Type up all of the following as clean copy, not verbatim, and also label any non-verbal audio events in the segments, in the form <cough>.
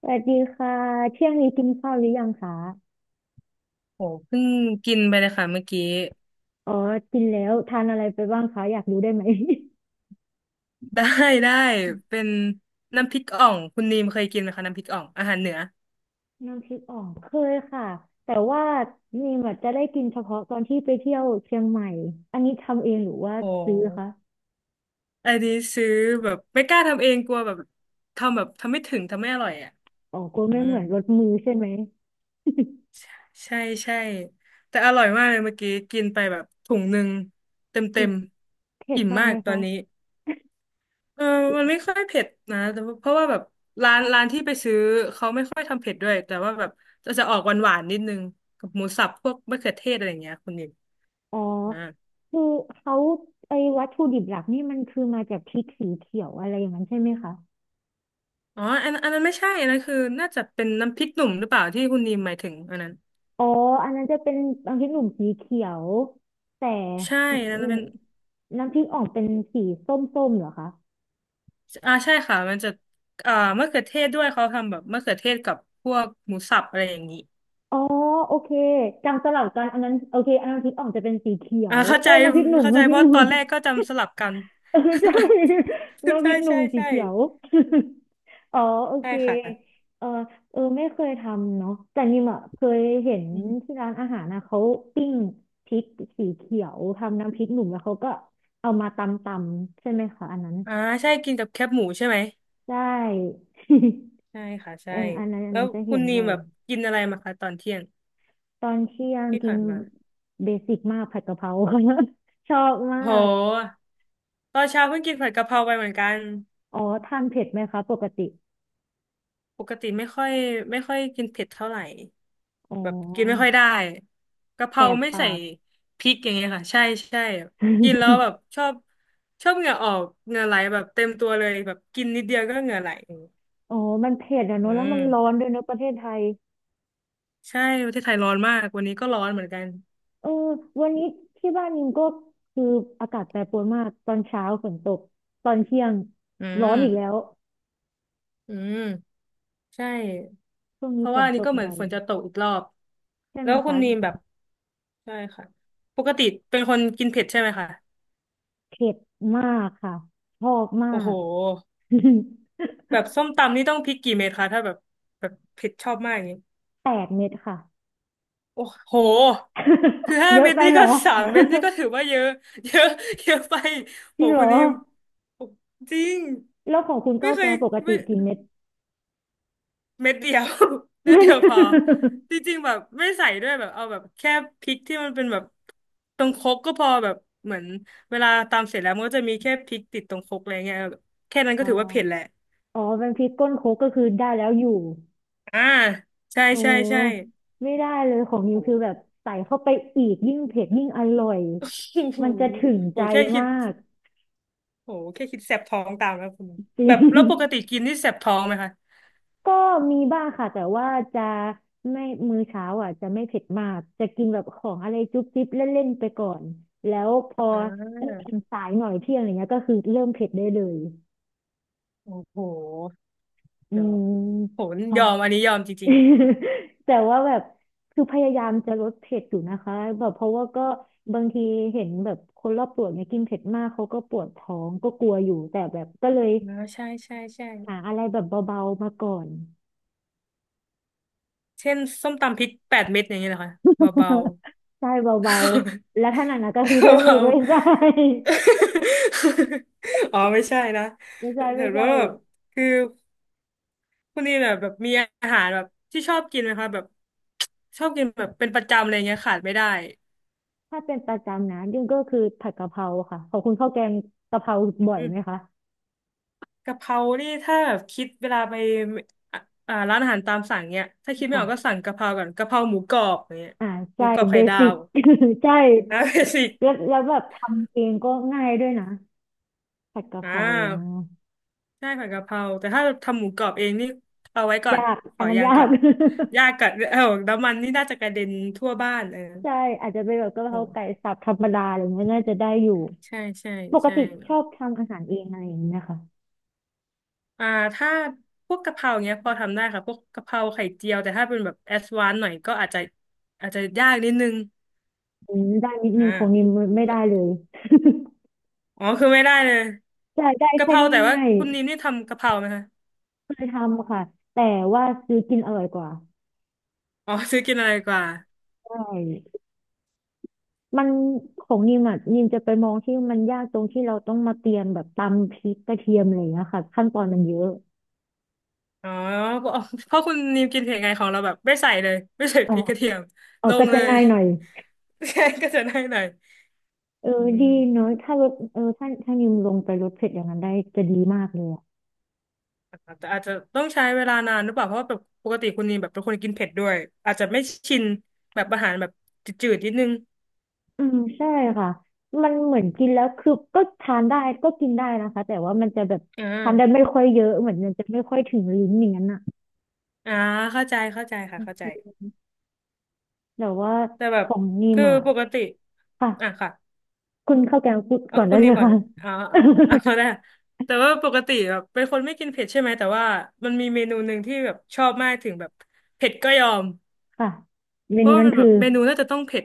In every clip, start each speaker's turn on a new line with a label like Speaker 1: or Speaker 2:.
Speaker 1: สวัสดีค่ะเที่ยงนี้กินข้าวหรือยังคะ
Speaker 2: โหเพิ่งกินไปเลยค่ะเมื่อกี้
Speaker 1: อ๋อกินแล้วทานอะไรไปบ้างคะอยากรู้ได้ไหม
Speaker 2: <laughs> ได้ได้เป็นน้ำพริกอ่องคุณนีมเคยกินไหมคะน้ำพริกอ่องอาหารเหนือ
Speaker 1: <laughs> น้ำพริกอ่องเคยค่ะแต่ว่านี่แบบจะได้กินเฉพาะตอนที่ไปเที่ยวเชียงใหม่อันนี้ทำเองหรือว่า
Speaker 2: โ
Speaker 1: ซื้อ
Speaker 2: ห
Speaker 1: คะ
Speaker 2: อันนี้ซื้อแบบไม่กล้าทำเองกลัวแบบทำแบบทำไม่ถึงทำไม่อร่อยอ่ะ
Speaker 1: อ๋อกลัว
Speaker 2: อื
Speaker 1: ไม่
Speaker 2: ม
Speaker 1: เหมือนรสมือใช่ไหม
Speaker 2: ใช่ใช่แต่อร่อยมากเลยเมื่อกี้กินไปแบบถุงหนึ่งเต็ม
Speaker 1: อื
Speaker 2: เต็
Speaker 1: ม
Speaker 2: ม
Speaker 1: เผ็ด
Speaker 2: อิ่ม
Speaker 1: มาก
Speaker 2: มา
Speaker 1: ไหม
Speaker 2: กตอ
Speaker 1: คะ
Speaker 2: นนี้ เออมันไม่ค่อยเผ็ดนะแต่ว่าเพราะว่าแบบร้านที่ไปซื้อเขาไม่ค่อยทำเผ็ดด้วยแต่ว่าแบบจะออกหวานหวานนิดนึงกับหมูสับพวกมะเขือเทศอะไรอย่างเงี้ยคุณนิม
Speaker 1: อ๋อ
Speaker 2: อ่า
Speaker 1: คือเขาไอ้วัตถุดิบหลักนี่มันคือมาจากพริกสีเขียวอะไรอย่างนั้นใช่ไหมคะ
Speaker 2: อ๋ออันนั้นไม่ใช่อันนั้นคือน่าจะเป็นน้ำพริกหนุ่มหรือเปล่าที่คุณนิมหมายถึงอันนั้น
Speaker 1: อ๋ออันนั้นจะเป็นน้ำพริกหนุ่มสีเขียวแต่
Speaker 2: ใช่
Speaker 1: อื
Speaker 2: อันนั้น
Speaker 1: ม
Speaker 2: เป็น
Speaker 1: น้ำพริกอ่องเป็นสีส้มๆเหรอคะ
Speaker 2: อ่าใช่ค่ะมันจะอ่ามะเขือเทศด้วยเขาทำแบบมะเขือเทศกับพวกหมูสับอะไรอย่างนี้
Speaker 1: อ๋อโอเคจำสลับกันอันนั้นโอเคอันน้ำพริกอ่องจะเป็นสีเขีย
Speaker 2: อ่า
Speaker 1: ว
Speaker 2: เข้าใจ
Speaker 1: เอ้ยน้ำพริกหนุ่ม
Speaker 2: เข้าใจ
Speaker 1: น้ำพริ
Speaker 2: เพ
Speaker 1: กห
Speaker 2: ราะต
Speaker 1: นุ่
Speaker 2: อ
Speaker 1: ม
Speaker 2: นแรกก็
Speaker 1: <laughs>
Speaker 2: จำสลับกัน
Speaker 1: เออใช่
Speaker 2: <laughs>
Speaker 1: น้ำพริ
Speaker 2: ใช่
Speaker 1: กหนุ่
Speaker 2: ใช่
Speaker 1: มสี
Speaker 2: ใช่
Speaker 1: เขียว <laughs> อ๋อโอ
Speaker 2: ใช่
Speaker 1: เค
Speaker 2: ค่ะ
Speaker 1: เออเออไม่เคยทำเนาะแต่นิมอ่ะเคยเห็นที่ร้านอาหารนะเขาปิ้งพริกสีเขียวทำน้ำพริกหนุ่มแล้วเขาก็เอามาตำใช่ไหมคะอันนั้น
Speaker 2: อ่าใช่กินกับแคบหมูใช่ไหม
Speaker 1: ได้
Speaker 2: ใช่ค่ะ
Speaker 1: <laughs> เอ
Speaker 2: ใช่
Speaker 1: ออันนั้นอัน
Speaker 2: แล้
Speaker 1: นั้
Speaker 2: ว
Speaker 1: นจะ
Speaker 2: คุ
Speaker 1: เห็
Speaker 2: ณ
Speaker 1: น
Speaker 2: นี
Speaker 1: บ่
Speaker 2: ม
Speaker 1: อย
Speaker 2: แบบกินอะไรมาคะตอนเที่ยง
Speaker 1: ตอนเที่ยง
Speaker 2: ที่
Speaker 1: กิน
Speaker 2: ผ่านมา
Speaker 1: เบสิกมากผัดกะเพรา <laughs> ชอบมา
Speaker 2: โ
Speaker 1: ก
Speaker 2: หตอนเช้าเพิ่งกินผัดกะเพราไปเหมือนกัน
Speaker 1: อ๋อทานเผ็ดไหมคะปกติ
Speaker 2: ปกติไม่ค่อยกินเผ็ดเท่าไหร่
Speaker 1: อ๋
Speaker 2: แบบกินไม่
Speaker 1: อ
Speaker 2: ค่อยได้กะเพ
Speaker 1: แส
Speaker 2: รา
Speaker 1: บ
Speaker 2: ไม่ใส่
Speaker 1: ปาก
Speaker 2: พริกอย่างเงี้ยค่ะใช่ใช่กินแล้วแบ
Speaker 1: <laughs>
Speaker 2: บชอบเหงื่อออกเหงื่อไหลแบบเต็มตัวเลยแบบกินนิดเดียวก็เหงื่อไหล
Speaker 1: อ๋อมันเผ็ดอะเน
Speaker 2: อื
Speaker 1: อะแล้วมั
Speaker 2: ม
Speaker 1: นร้อนด้วยเนอะประเทศไทย
Speaker 2: ใช่ประเทศไทยร้อนมากวันนี้ก็ร้อนเหมือนกัน
Speaker 1: เออวันนี้ที่บ้านนิมก็คืออากาศแปรปรวนมากตอนเช้าฝนตกตอนเที่ยง
Speaker 2: อื
Speaker 1: ร้อน
Speaker 2: ม
Speaker 1: อีกแล้ว
Speaker 2: อืม ใช่
Speaker 1: ช่วง
Speaker 2: เพ
Speaker 1: นี้
Speaker 2: ราะ
Speaker 1: ฝ
Speaker 2: ว่า
Speaker 1: น
Speaker 2: อัน
Speaker 1: ต
Speaker 2: นี้
Speaker 1: ก
Speaker 2: ก็เหมือ
Speaker 1: บ่
Speaker 2: น
Speaker 1: อย
Speaker 2: ฝนจะตกอีกรอบ
Speaker 1: ใช่ไห
Speaker 2: แล้
Speaker 1: ม
Speaker 2: วคุ
Speaker 1: คะ
Speaker 2: ณนีมแบบใช่ค่ะ ปกติเป็นคนกินเผ็ดใช่ไหมคะ
Speaker 1: เผ็ดมากค่ะชอบมา
Speaker 2: โอ้โห
Speaker 1: ก
Speaker 2: แบ
Speaker 1: <laughs>
Speaker 2: บส้มตำนี่ต้องพริกกี่เม็ดคะถ้าแบบแบบเผ็ดชอบมากอย่างนี้
Speaker 1: 8 เม็ดค่ะ
Speaker 2: โอ้โห คือ
Speaker 1: <laughs>
Speaker 2: ห้า
Speaker 1: เยอะ
Speaker 2: เม็ด
Speaker 1: ไป
Speaker 2: นี่
Speaker 1: เหร
Speaker 2: ก็
Speaker 1: อ <laughs>
Speaker 2: <laughs> สามเม็ดนี่ก็ถือว่าเยอะ <laughs> เยอะเยอะไป
Speaker 1: จ
Speaker 2: โห
Speaker 1: ริงเหร
Speaker 2: คุณ
Speaker 1: อ
Speaker 2: นีมโอ้จริง
Speaker 1: แล้วของคุณ
Speaker 2: ไม่
Speaker 1: ก้าว
Speaker 2: เค
Speaker 1: แก
Speaker 2: ย
Speaker 1: งปกติ
Speaker 2: ไม่
Speaker 1: กี่เม็ด
Speaker 2: เม็ดเดียว <laughs>
Speaker 1: ่
Speaker 2: เม็ดเดียวพอ
Speaker 1: <laughs>
Speaker 2: จริงๆแบบไม่ใส่ด้วยแบบเอาแบบแค่พริกที่มันเป็นแบบตรงครกก็พอแบบเหมือนเวลาตำเสร็จแล้วมันก็จะมีแค่พริกติดตรงครกอะไรเงี้ยแบบแค่นั้นก็
Speaker 1: อ๋
Speaker 2: ถือว่าเผ็ด
Speaker 1: อ
Speaker 2: แหละ
Speaker 1: อ๋อเป็นพริกก้นโคกก็คือได้แล้วอยู่
Speaker 2: อ่าใช่
Speaker 1: โอ้
Speaker 2: ใช่ใช่
Speaker 1: ไม่ได้เลยของนิ
Speaker 2: โห
Speaker 1: วคือแบบใส่เข้าไปอีกยิ่งเผ็ดยิ่งอร่อย
Speaker 2: โอ้ <laughs> โห
Speaker 1: มันจะถึง
Speaker 2: โห
Speaker 1: ใจ
Speaker 2: แค่คิ
Speaker 1: มา
Speaker 2: ด
Speaker 1: ก
Speaker 2: โหแค่คิดแสบท้องตามแล้วคุณ
Speaker 1: จริ
Speaker 2: แบบแล้ว
Speaker 1: ง
Speaker 2: ปกติกินนี่แสบท้องไหมคะ
Speaker 1: ก็มีบ้างค่ะแต่ว่าจะไม่มื้อเช้าอ่ะจะไม่เผ็ดมากจะกินแบบของอะไรจุ๊บจิ๊บเล่นๆไปก่อนแล้วพอ
Speaker 2: อ่า
Speaker 1: เริ่มสายหน่อยเที่ยงอะไรเงี้ยก็คือเริ่มเผ็ดได้เลย
Speaker 2: โอ้โห
Speaker 1: อื
Speaker 2: เดี๋ยว
Speaker 1: ม
Speaker 2: โห
Speaker 1: <laughs> ค่ะ
Speaker 2: ยอมอันนี้ยอมจริง
Speaker 1: <laughs> แต่ว่าแบบคือพยายามจะลดเผ็ดอยู่นะคะแบบเพราะว่าก็บางทีเห็นแบบคนรอบตัวเนี่ยกินเผ็ดมากเขาก็ปวดท้องก็กลัวอยู่แต่แบบก็เลย
Speaker 2: ๆอ่าใช่ใช่ใช่
Speaker 1: หาอะไรแบบเบาๆมาก่อน
Speaker 2: เช่นส้มตำพริกแปดเม็ดอย่างเงี้ยเหรอคะเบาๆ
Speaker 1: ใช่เบาๆ แล้วถ้าหนักๆก็คือเพิ่
Speaker 2: <laughs>
Speaker 1: มไป
Speaker 2: เบา
Speaker 1: อีกไม่ใช่
Speaker 2: ๆ <laughs> อ๋อไม่ใช่นะ
Speaker 1: ไม่ใช่
Speaker 2: เห็
Speaker 1: ไม่
Speaker 2: น
Speaker 1: ใช่
Speaker 2: ว่าแบบคือคุณนี่แบบแบบมีอาหารแบบที่ชอบกินไหมคะแบบชอบกินแบบเป็นประจำอะไรเงี้ยขาดไม่ได้
Speaker 1: ถ้าเป็นประจำนะยิ่งก็คือผัดกะเพราค่ะขอบคุณข้าวแกงกะเพราบ่อย
Speaker 2: อื
Speaker 1: ไหม
Speaker 2: ม
Speaker 1: คะ
Speaker 2: กะเพรานี่ถ้าแบบคิดเวลาไปอ่ะอ่าร้านอาหารตามสั่งเนี้ยถ้าคิดไม่ออกก็
Speaker 1: ค่ะ
Speaker 2: สั่งกะเพราก่อนกะเพราหมูกรอบอย่างเงี้ย
Speaker 1: อ่า
Speaker 2: หมู
Speaker 1: ใช่
Speaker 2: กรอบ
Speaker 1: เบ
Speaker 2: ไข่ดา
Speaker 1: สิก
Speaker 2: ว
Speaker 1: <laughs> ใช่
Speaker 2: อ่า <laughs> เบสิก
Speaker 1: แล้วแบบทำเองก็ง่ายด้วยนะผัดกะ
Speaker 2: อ่
Speaker 1: เพรา
Speaker 2: า ใช่ผัดกะเพราแต่ถ้าทำหมูกรอบเองนี่เอาไว้ก่อน
Speaker 1: ยาก
Speaker 2: ข
Speaker 1: อั
Speaker 2: อ
Speaker 1: นนั้น
Speaker 2: ยาง
Speaker 1: ยา
Speaker 2: ก่อ
Speaker 1: ก
Speaker 2: นยากก่อนเออน้ำมันนี่น่าจะกระเด็นทั่วบ้านเออ
Speaker 1: <laughs> ใช่อาจจะเป็นแบบกะ
Speaker 2: โอ
Speaker 1: เพราไก่
Speaker 2: ้
Speaker 1: สับธรรมดาอะไรเงี้ยน่าจะได้อยู่
Speaker 2: ใช่ใช่
Speaker 1: ปก
Speaker 2: ใช่
Speaker 1: ติชอบทำอาหารเองอะไรอย่างเงี้ยค่ะ
Speaker 2: อ่าถ้าพวกกะเพราเงี้ยพอทำได้ค่ะพวกกะเพราไข่เจียวแต่ถ้าเป็นแบบแอดวานซ์หน่อยก็อาจจะอาจจะยากนิดนึง
Speaker 1: อืมได้นิด
Speaker 2: อ่า
Speaker 1: นึงของนิมไม่
Speaker 2: แล้ว
Speaker 1: ได้เลย <laughs>
Speaker 2: อ๋อคือไม่ได้เลย
Speaker 1: อยาได้
Speaker 2: กะเพ
Speaker 1: แค่
Speaker 2: ราแต่ว่า
Speaker 1: ง่าย
Speaker 2: คุณนิมนี่ทำกะเพราไหมคะ
Speaker 1: ๆเคยทำค่ะแต่ว่าซื้อกินอร่อยกว่า
Speaker 2: อ๋อซื้อกินอะไรกว่า
Speaker 1: ใช่มันของนิมอ่ะนิมจะไปมองที่มันยากตรงที่เราต้องมาเตรียมแบบตำพริกกระเทียมอะไรอย่างเงี้ยค่ะขั้นตอนมันเยอะ
Speaker 2: อ๋อเพราะเพราะคุณนิมกินเผ็ดไงของเราแบบไม่ใส่เลยไม่ใส่
Speaker 1: อ๋อ
Speaker 2: พริกกระเทียม
Speaker 1: อ๋อ
Speaker 2: ล
Speaker 1: ก็
Speaker 2: งเล
Speaker 1: จะ
Speaker 2: ย
Speaker 1: ง่ายหน่อย
Speaker 2: ใช่ <laughs> ก็จะได้หน่อย
Speaker 1: เอ
Speaker 2: อื
Speaker 1: อดีเน
Speaker 2: ม
Speaker 1: อะถ้าลดเออถ้านิมลงไปลดเผ็ดอย่างนั้นได้จะดีมากเลยอ่ะ
Speaker 2: แต่อาจจะต้องใช้เวลานานหรือเปล่าเพราะว่าแบบปกติคุณนีแบบเป็นคนกินเผ็ดด้วยอาจจะไม่ชินแบบอาหารแบบจืดๆนิดนึง
Speaker 1: อืมใช่ค่ะมันเหมือนกินแล้วคือก็ทานได้ก็กินได้นะคะแต่ว่ามันจะแบบ
Speaker 2: อ่
Speaker 1: ทานได้ไม่
Speaker 2: า
Speaker 1: ค่อยเยอะเหมือนมันจะไม่ค่อยถึงลิ้นอย่างนั้นอ่ะ
Speaker 2: อ่าเข้าใจเข้าใจค่ะเข้าใจ
Speaker 1: แต่ว่า
Speaker 2: แต่แบ
Speaker 1: ข
Speaker 2: บ
Speaker 1: องนิม
Speaker 2: คือ
Speaker 1: อ่ะ
Speaker 2: ปกติอ่ะ
Speaker 1: ค่ะ
Speaker 2: ค่ะ
Speaker 1: คุณข้าวแกงพูด
Speaker 2: เอา
Speaker 1: ก่อน
Speaker 2: คุ
Speaker 1: ได้
Speaker 2: ณนี
Speaker 1: เลย
Speaker 2: ก่อน
Speaker 1: ค่ะ
Speaker 2: เลยอ่าเอา
Speaker 1: <laughs>
Speaker 2: เอาได้แต่ว่าปกติแบบเป็นคนไม่กินเผ็ดใช่ไหมแต่ว่ามันมีเมนูหนึ่งที่แบบชอบมากถึงแบบเผ็ดก็ยอม
Speaker 1: ค่ะเม
Speaker 2: เพ
Speaker 1: นู
Speaker 2: ราะว่า
Speaker 1: นั้น
Speaker 2: มันแบ
Speaker 1: คือ
Speaker 2: บเมนูน่าจะต้องเผ็ด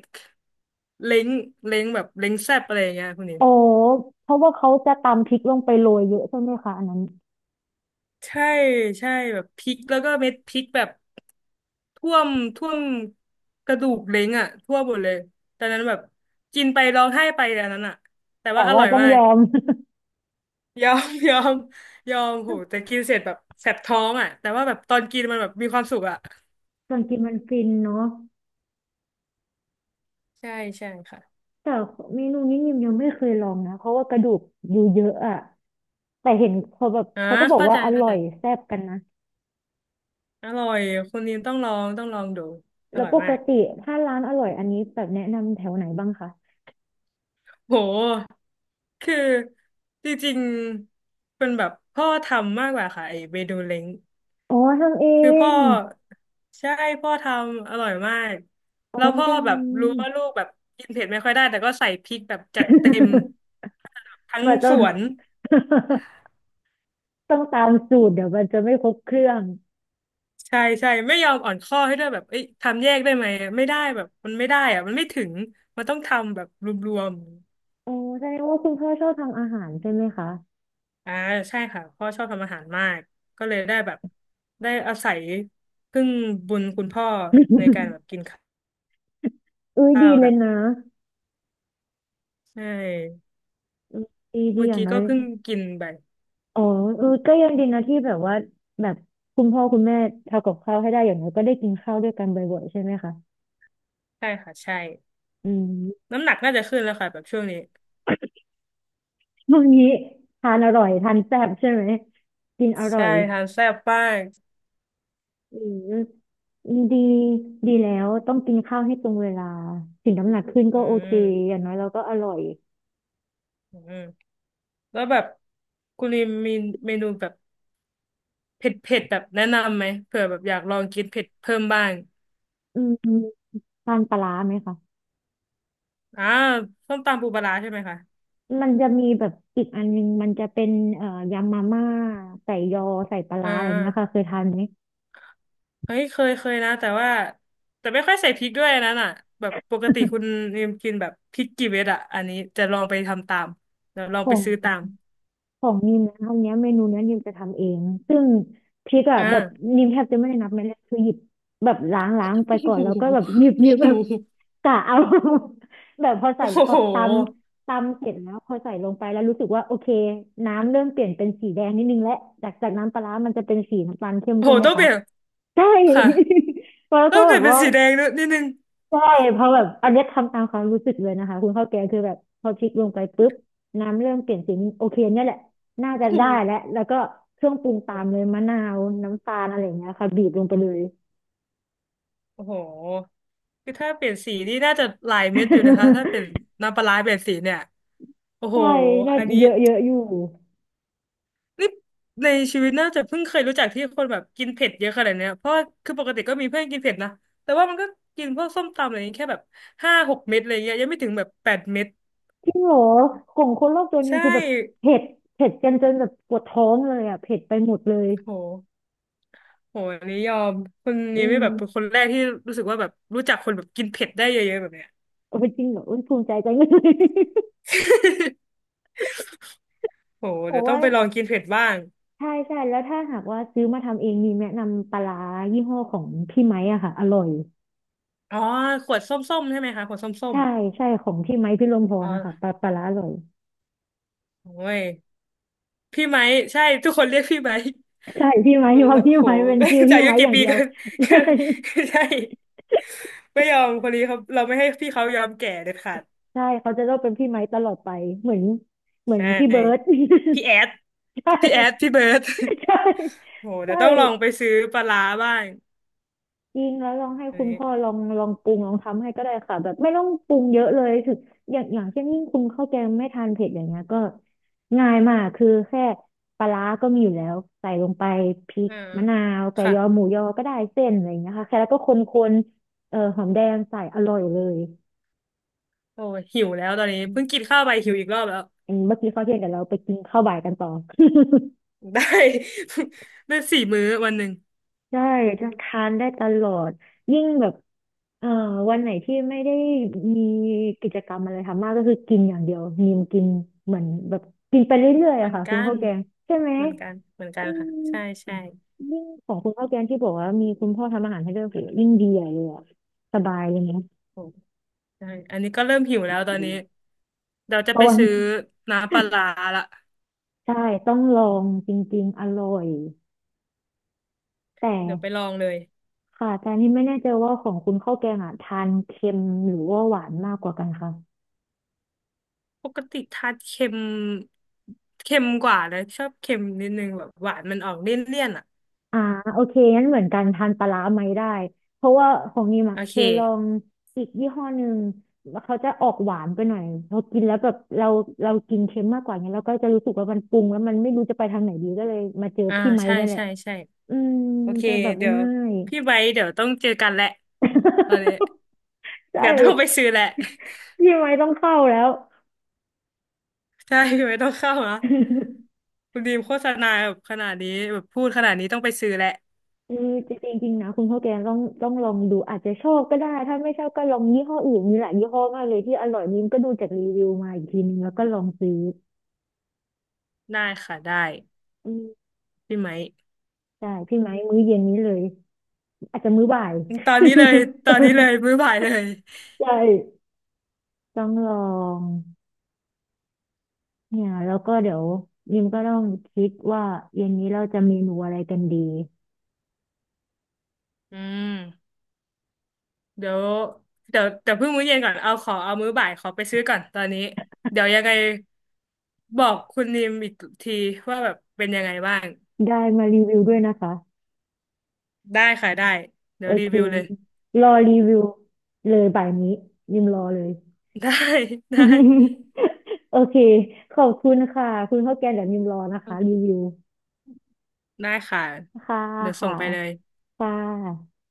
Speaker 2: เล้งเล้งแบบเล้งแซ่บอะไรอย่างเงี้ยคุณนี
Speaker 1: โอ้เพราะว่าเขาจะตำพริกลงไปโรยเยอะใช่ไหมคะอันนั้น
Speaker 2: ใช่ใช่แบบพริกแล้วก็เม็ดพริกแบบท่วมท่วมกระดูกเล้งอ่ะทั่วหมดเลยตอนนั้นแบบกินไปร้องไห้ไปอันนั้นอ่ะแต่ว่า
Speaker 1: แต่
Speaker 2: อ
Speaker 1: ว่า
Speaker 2: ร่อย
Speaker 1: ต้อง
Speaker 2: มา
Speaker 1: ย
Speaker 2: ก
Speaker 1: อม
Speaker 2: ยอม <laughs> ยอมยอมโหแต่กินเสร็จแบบแสบท้องอ่ะแต่ว่าแบบตอนกินมันแบบมีความสุขอ่ะ
Speaker 1: <laughs> ส่วนกินมันฟินเนาะ
Speaker 2: ใช่ใช่ค่ะ
Speaker 1: แต่เมนูนี้ยิมยังไม่เคยลองนะเพราะว่ากระดูกอยู่เยอะอะแต่เห็นเขาแบบ
Speaker 2: อ่า
Speaker 1: เขาก็บอก
Speaker 2: เข้า
Speaker 1: ว่า
Speaker 2: ใจ
Speaker 1: อ
Speaker 2: เข้า
Speaker 1: ร่อ
Speaker 2: ใจ
Speaker 1: ยแซ่บกันนะ
Speaker 2: อร่อยคนนี้ต้องลองต้องลองดูอ
Speaker 1: แล้ว
Speaker 2: ร่อย
Speaker 1: ป
Speaker 2: มา
Speaker 1: ก
Speaker 2: ก
Speaker 1: ติถ้าร้านอร่อยอันนี้แบบแนะนำแถวไหนบ้างคะ
Speaker 2: โหคือจริงๆเป็นแบบพ่อทำมากกว่าค่ะไอเมนูเล้ง
Speaker 1: อ๋อทำเอ
Speaker 2: คือพ่อ
Speaker 1: ง
Speaker 2: ใช่พ่อทำอร่อยมาก
Speaker 1: อ๋อ
Speaker 2: แล้วพ่อ
Speaker 1: จั
Speaker 2: แบบรู้
Speaker 1: ง
Speaker 2: ว่าลูกแบบกินเผ็ดไม่ค่อยได้แต่ก็ใส่พริกแบบจัดเต็มทั้ง
Speaker 1: มันจะ
Speaker 2: ส
Speaker 1: <laughs>
Speaker 2: วน
Speaker 1: ต้องตามสูตรเดี๋ยวมันจะไม่ครบเครื่อง
Speaker 2: ใช่ใช่ไม่ยอมอ่อนข้อให้ด้วยแบบเอ้ยทำแยกได้ไหมไม่ได้แบบมันไม่ได้อะมันไม่ถึงมันต้องทำแบบรวม
Speaker 1: โอ้แสดงว่าคุณพ่อชอบทำอาหารใช่ไหมคะ
Speaker 2: ๆอ่าใช่ค่ะพ่อชอบทำอาหารมากก็เลยได้แบบได้อาศัยพึ่งบุญคุณพ่อในการแบบ
Speaker 1: <laughs>
Speaker 2: กินข
Speaker 1: อ้ย
Speaker 2: ้า
Speaker 1: ดี
Speaker 2: ว
Speaker 1: เล
Speaker 2: แต่
Speaker 1: ยนะ
Speaker 2: ใช่
Speaker 1: อืมดี
Speaker 2: เมื่อ
Speaker 1: อย่าง
Speaker 2: กี้
Speaker 1: น้อ
Speaker 2: ก็
Speaker 1: ย
Speaker 2: เพิ่งกินไป
Speaker 1: อ๋อเออก็ยังดีนะที่แบบว่าแบบคุณพ่อคุณแม่ทำกับข้าวให้ได้อย่างน้อยก็ได้กินข้าวด้วยกันบ่อยๆใช่ไหมคะ
Speaker 2: ใช่ค่ะใช่
Speaker 1: อืม
Speaker 2: น้ำหนักน่าจะขึ้นแล้วค่ะแบบช่วงนี้
Speaker 1: ช่วงนี้ทานอร่อยทานแซ่บใช่ไหมกินอร่อ
Speaker 2: ใช่
Speaker 1: ย
Speaker 2: ทานแซ่บมาก
Speaker 1: อืมดีดีแล้วต้องกินข้าวให้ตรงเวลาถึงน้ำหนักขึ้นก็
Speaker 2: อื
Speaker 1: โอเคอย่าง
Speaker 2: ม
Speaker 1: น้อยเราก็อร่อย
Speaker 2: อืมแล้วแบบคุณลิมมีเมนูแบบเผ็ดเผ็ดแบบแนะนำไหมเผื่อแบบอยากลองกินเผ็ดเพิ่มบ้าง
Speaker 1: อืมทานปลาร้าไหมคะ
Speaker 2: อ่าส้มตำปูปลาร้าใช่ไหมคะ
Speaker 1: มันจะมีแบบอีกอันนึงมันจะเป็นยำมาม่าใส่ยอใส่ปลา
Speaker 2: อ่
Speaker 1: ร้าอะไรเงี้ยค่ะ
Speaker 2: า
Speaker 1: เคยทานไหม
Speaker 2: เฮ้ยเคยเคยนะแต่ว่าแต่ไม่ค่อยใส่พริกด้วยอันนั้นอ่ะแบบปกติคุณลิมกินแบบพริกกี่เม็ดอ่ะอันนี้จะลองไปทำตามเดี๋ยวลอ
Speaker 1: ข
Speaker 2: งไป
Speaker 1: อง
Speaker 2: ซื้อตาม
Speaker 1: ของนิมนะอันเนี้ยเมนูเนี้ยนิมจะทำเองซึ่งพริกอะ
Speaker 2: อ่า
Speaker 1: แบบนิมแทบจะไม่ได้นับเม็ดเลยคือหยิบแบบล้างไปก่อนแล้วก็แบบหยิบแบบ
Speaker 2: <laughs>
Speaker 1: <laughs> กะเอา <laughs> แบบพอใส่
Speaker 2: โอ้
Speaker 1: แบ
Speaker 2: โห
Speaker 1: บตำเสร็จแล้วพอใส่ลงไปแล้วรู้สึกว่าโอเคน้ำเริ่มเปลี่ยนเป็นสีแดงนิดนึงและจากน้ำปลาร้ามันจะเป็นสีน้ำตาลเข้ม
Speaker 2: โอ้โห
Speaker 1: ใช่ไหม
Speaker 2: ต้องเป
Speaker 1: คะ
Speaker 2: ลี่ยน
Speaker 1: ใช่
Speaker 2: ค่ะ
Speaker 1: <laughs> แล้ว
Speaker 2: แล้
Speaker 1: ก็
Speaker 2: ว
Speaker 1: แบ
Speaker 2: แต่
Speaker 1: บ
Speaker 2: เป็น
Speaker 1: ว่า
Speaker 2: สีแดงด้วยนิดนึง
Speaker 1: ใช่เพราะแบบอันเนี้ยทำตามความรู้สึกเลยนะคะคุณข้าวแกงคือแบบพอพลิกลงไปปุ๊บน้ำเริ่มเปลี่ยนสีโอเคเนี่ยแหละน่าจะ
Speaker 2: โอ้
Speaker 1: ได้แล้ว
Speaker 2: โห
Speaker 1: แล้วก็เครื่องปรุงตามเลยมะนาวน้ำตาลอะไรอย่างเงี้ยค่ะบีบลงไปเลย
Speaker 2: โอ้โหคือถ้าเปลี่ยนสีนี่น่าจะหลายเม็ดอยู่นะคะถ้าเป็น
Speaker 1: <laughs>
Speaker 2: น้ำปลาร้าเปลี่ยนสีเนี่ยโอ้โห
Speaker 1: ใช่น่า
Speaker 2: อันนี้
Speaker 1: เยอะเยอะอยู่
Speaker 2: นี่ในชีวิตน่าจะเพิ่งเคยรู้จักที่คนแบบกินเผ็ดเยอะขนาดเนี้ยเพราะว่าคือปกติก็มีเพื่อนกินเผ็ดนะแต่ว่ามันก็กินพวกส้มตำอะไรอย่างเงี้ยแค่แบบห้าหกเม็ดอะไรเงี้ยยังไม่ถึงแบบแปดเม็ด
Speaker 1: จริงเหรอของคนรอบตัวยั
Speaker 2: ใช่
Speaker 1: งคือแบบเผ็ดเผ็ดกันจนแบบปวดท้องเลยอ่ะเผ็ดไปหมดเลย
Speaker 2: โหโหอันนี้ยอมคน
Speaker 1: อื
Speaker 2: นี้ไม่
Speaker 1: ม
Speaker 2: แบบเป็นคนแรกที่รู้สึกว่าแบบรู้จักคนแบบกินเผ็ดได้เยอะๆแบบเนี้ย
Speaker 1: โอ้ยจริงเหรออุ้ยภูมิใจจังเลย <laughs>
Speaker 2: โห
Speaker 1: แต่
Speaker 2: เดี๋ยวต้อ
Speaker 1: ว่า
Speaker 2: งไปลองกินเผ็ดบ้าง
Speaker 1: ใช่ใช่แล้วถ้าหากว่าซื้อมาทำเองมีแนะนำปลาร้ายี่ห้อของพี่ไม้อะค่ะอร่อย
Speaker 2: อ๋อขวดส้มๆใช่ไหมคะขวดส้ม
Speaker 1: ใช่ใช่ของพี่ไม้พี่ลมพ
Speaker 2: ๆอ๋
Speaker 1: ร
Speaker 2: อ
Speaker 1: นะคะปลาร้าอร่อย
Speaker 2: โอ้ย พี่ไม้ใช่ทุกคนเรียกพี่ไม้
Speaker 1: ใช่พี่ไม้เพราะพี่
Speaker 2: โห
Speaker 1: ไม้เป็น
Speaker 2: <laughs>
Speaker 1: ชื่อ
Speaker 2: จะ
Speaker 1: พี่
Speaker 2: อายุ
Speaker 1: ไม้อ
Speaker 2: กี่
Speaker 1: ย่าง
Speaker 2: ปี
Speaker 1: เดียว
Speaker 2: กัน
Speaker 1: <laughs> ใช่
Speaker 2: <laughs> ใช่ ไม่ยอมคนนี้เขาเราไม่ให้พี่เขายอมแก่เด็ดขาด
Speaker 1: ใช่เขาจะต้องเป็นพี่ไม้ตลอดไปเหมือนเหมื
Speaker 2: ใช
Speaker 1: อนพี่เบิร์ด
Speaker 2: ่ พี่แอด
Speaker 1: <laughs> ใช่
Speaker 2: พี่แอดพี่เบิร์ด
Speaker 1: ใช่
Speaker 2: <laughs> โหเดี๋
Speaker 1: ใช่
Speaker 2: ยวต้องลองไปซื้อปลาร้าบ้าง
Speaker 1: จริงแล้วลองให้
Speaker 2: อัน
Speaker 1: คุณ
Speaker 2: นี้
Speaker 1: พ่อลองปรุงลองทำให้ก็ได้ค่ะแบบไม่ต้องปรุงเยอะเลยถึงอย่างเช่นยิ่งคุณข้าวแกงไม่ทานเผ็ดอย่างเงี้ยก็ง่ายมากคือแค่ปลาร้าก็มีอยู่แล้วใส่ลงไปพริก
Speaker 2: อ่า
Speaker 1: มะนาวไก่
Speaker 2: ค่ะ
Speaker 1: ยอหมูยอก็ได้เส้นอะไรอย่างเงี้ยค่ะแค่แล้วก็คนๆหอมแดงใส่อร่อยเลย
Speaker 2: โอ้ยหิวแล้วตอนนี้เพิ่งกินข้าวไปหิวอีกรอบแล้ว
Speaker 1: อืมเมื่อกี้ข้าวเที่ยงเดี๋ยวเราไปกินข้าวบ่ายกันต่อ
Speaker 2: <laughs> ได้ <laughs> ได้สี่มื้อวันหนึ่ง
Speaker 1: ใช่จะทานได้ตลอดยิ่งแบบเอ่อวันไหนที่ไม่ได้มีกิจกรรมอะไรทำมากก็คือกินอย่างเดียวมีมกินเหมือนแบบกินไปเรื่อยๆ
Speaker 2: เหมื
Speaker 1: อะ
Speaker 2: อน
Speaker 1: ค่ะคุ
Speaker 2: กั
Speaker 1: ณ
Speaker 2: น
Speaker 1: ข้าวแกงใช่ไหม
Speaker 2: เหมือนกันเหมือนกั
Speaker 1: อื
Speaker 2: นค่ะ
Speaker 1: ม
Speaker 2: ใช่ใช่
Speaker 1: ยิ่งของคุณข้าวแกงที่บอกว่ามีคุณพ่อทำอาหารให้ด้วยโหยิ่งดีใหญ่เลยอะสบายเลยนะ
Speaker 2: โอ้ใช่อันนี้ก็เริ่มหิวแล้วตอนนี้เดี๋ยวจะ
Speaker 1: เพ
Speaker 2: ไป
Speaker 1: ราะว่า
Speaker 2: ซื้
Speaker 1: <laughs>
Speaker 2: อน้ำปลาร้าละ
Speaker 1: ใช่ต้องลองจริงๆอร่อยแต่
Speaker 2: เดี๋ยวไปลองเลย
Speaker 1: ค่ะแต่นี่ไม่แน่ใจว่าของคุณข้าวแกงอ่ะทานเค็มหรือว่าหวานมากกว่ากันคะ
Speaker 2: ปกติทานเค็มเค็มกว่าเลยชอบเค็มนิดนึงแบบหวานมันออกเลี่ยนๆอ่ะ
Speaker 1: อ่าโอเคงั้นเหมือนกันทานปลาร้าไหมได้เพราะว่าของนิม
Speaker 2: โอ
Speaker 1: อ่ะเค
Speaker 2: เค
Speaker 1: ยลองอีกยี่ห้อหนึ่งแล้เขาจะออกหวานไปหน่อยพอกินแล้วแบบเรากินเค็มมากกว่าเนี้ยเราก็จะรู้สึกว่ามันปรุงแล้วมันไม่รู้จะไปทางไหนดีก็เลยมาเจอ
Speaker 2: อ่า
Speaker 1: พี่ไม้
Speaker 2: ใช่
Speaker 1: นั่นแหละ
Speaker 2: ใช่ใช่
Speaker 1: อืม
Speaker 2: โอเค
Speaker 1: จะแบบ
Speaker 2: เดี๋ยว
Speaker 1: ง่าย
Speaker 2: พี่ไว้เดี๋ยวต้องเจอกันแหละตอนนี้
Speaker 1: <laughs> ใช่
Speaker 2: เดี๋ยวต้องไปซื้อแหละ
Speaker 1: <laughs> พี่ไม้ต้องเข้าแล้ว
Speaker 2: <laughs> ใช่พี่ไว้ต้องเข้านะ
Speaker 1: <laughs>
Speaker 2: คุณดีมโฆษณาแบบขนาดนี้แบบพูดขนาดนี้ต้องไปซื้อแหละ
Speaker 1: เออจริงๆจริงนะคุณข้าวแกงต้องลองดูอาจจะชอบก็ได้ถ้าไม่ชอบก็ลองยี่ห้ออื่นมีหลายยี่ห้อมากเลยที่อร่อยนิ้มก็ดูจากรีวิวมาอีกทีนึงแล้วก็ลองซื้อ
Speaker 2: ได้ค่ะได้
Speaker 1: อืม
Speaker 2: พี่ไหมค์
Speaker 1: ใช่พี่ไม้มื้อเย็นนี้เลยอาจจะมื้อบ่าย
Speaker 2: ตอนนี้เลยตอนนี้เลยมื้อ
Speaker 1: <laughs>
Speaker 2: บ่ายเลย
Speaker 1: ใช่ต้องลองเนี่ยแล้วก็เดี๋ยวยิมก็ต้องคิดว่าเย็นนี้เราจะเมนูอะไรกันดี
Speaker 2: อืมเดี๋ยวเดี๋ยวเดี๋ยวเพิ่งมื้อเย็นก่อนเอาขอเอามื้อบ่ายขอไปซื้อก่อนตอนนี้เดี๋ยวยังไงบอกคุณดีมอีกทีว่าแบบเป็นยังไงบ้าง
Speaker 1: ได้มารีวิวด้วยนะคะ
Speaker 2: ได้ค่ะได้เดี๋
Speaker 1: โอ
Speaker 2: ยวรี
Speaker 1: เค
Speaker 2: วิวเลย
Speaker 1: รอรีวิวเลยบ่ายนี้ยิมรอเลย
Speaker 2: <laughs> ได้ได้
Speaker 1: <laughs> โอเคขอบคุณค่ะคุณข้าวแกงเดี๋ยวยิมรอนะคะรีวิว
Speaker 2: ได้ค่ะ
Speaker 1: ค่ะ
Speaker 2: เดี๋ยวส่
Speaker 1: ค่ะ
Speaker 2: งไปเลย
Speaker 1: ค่ะ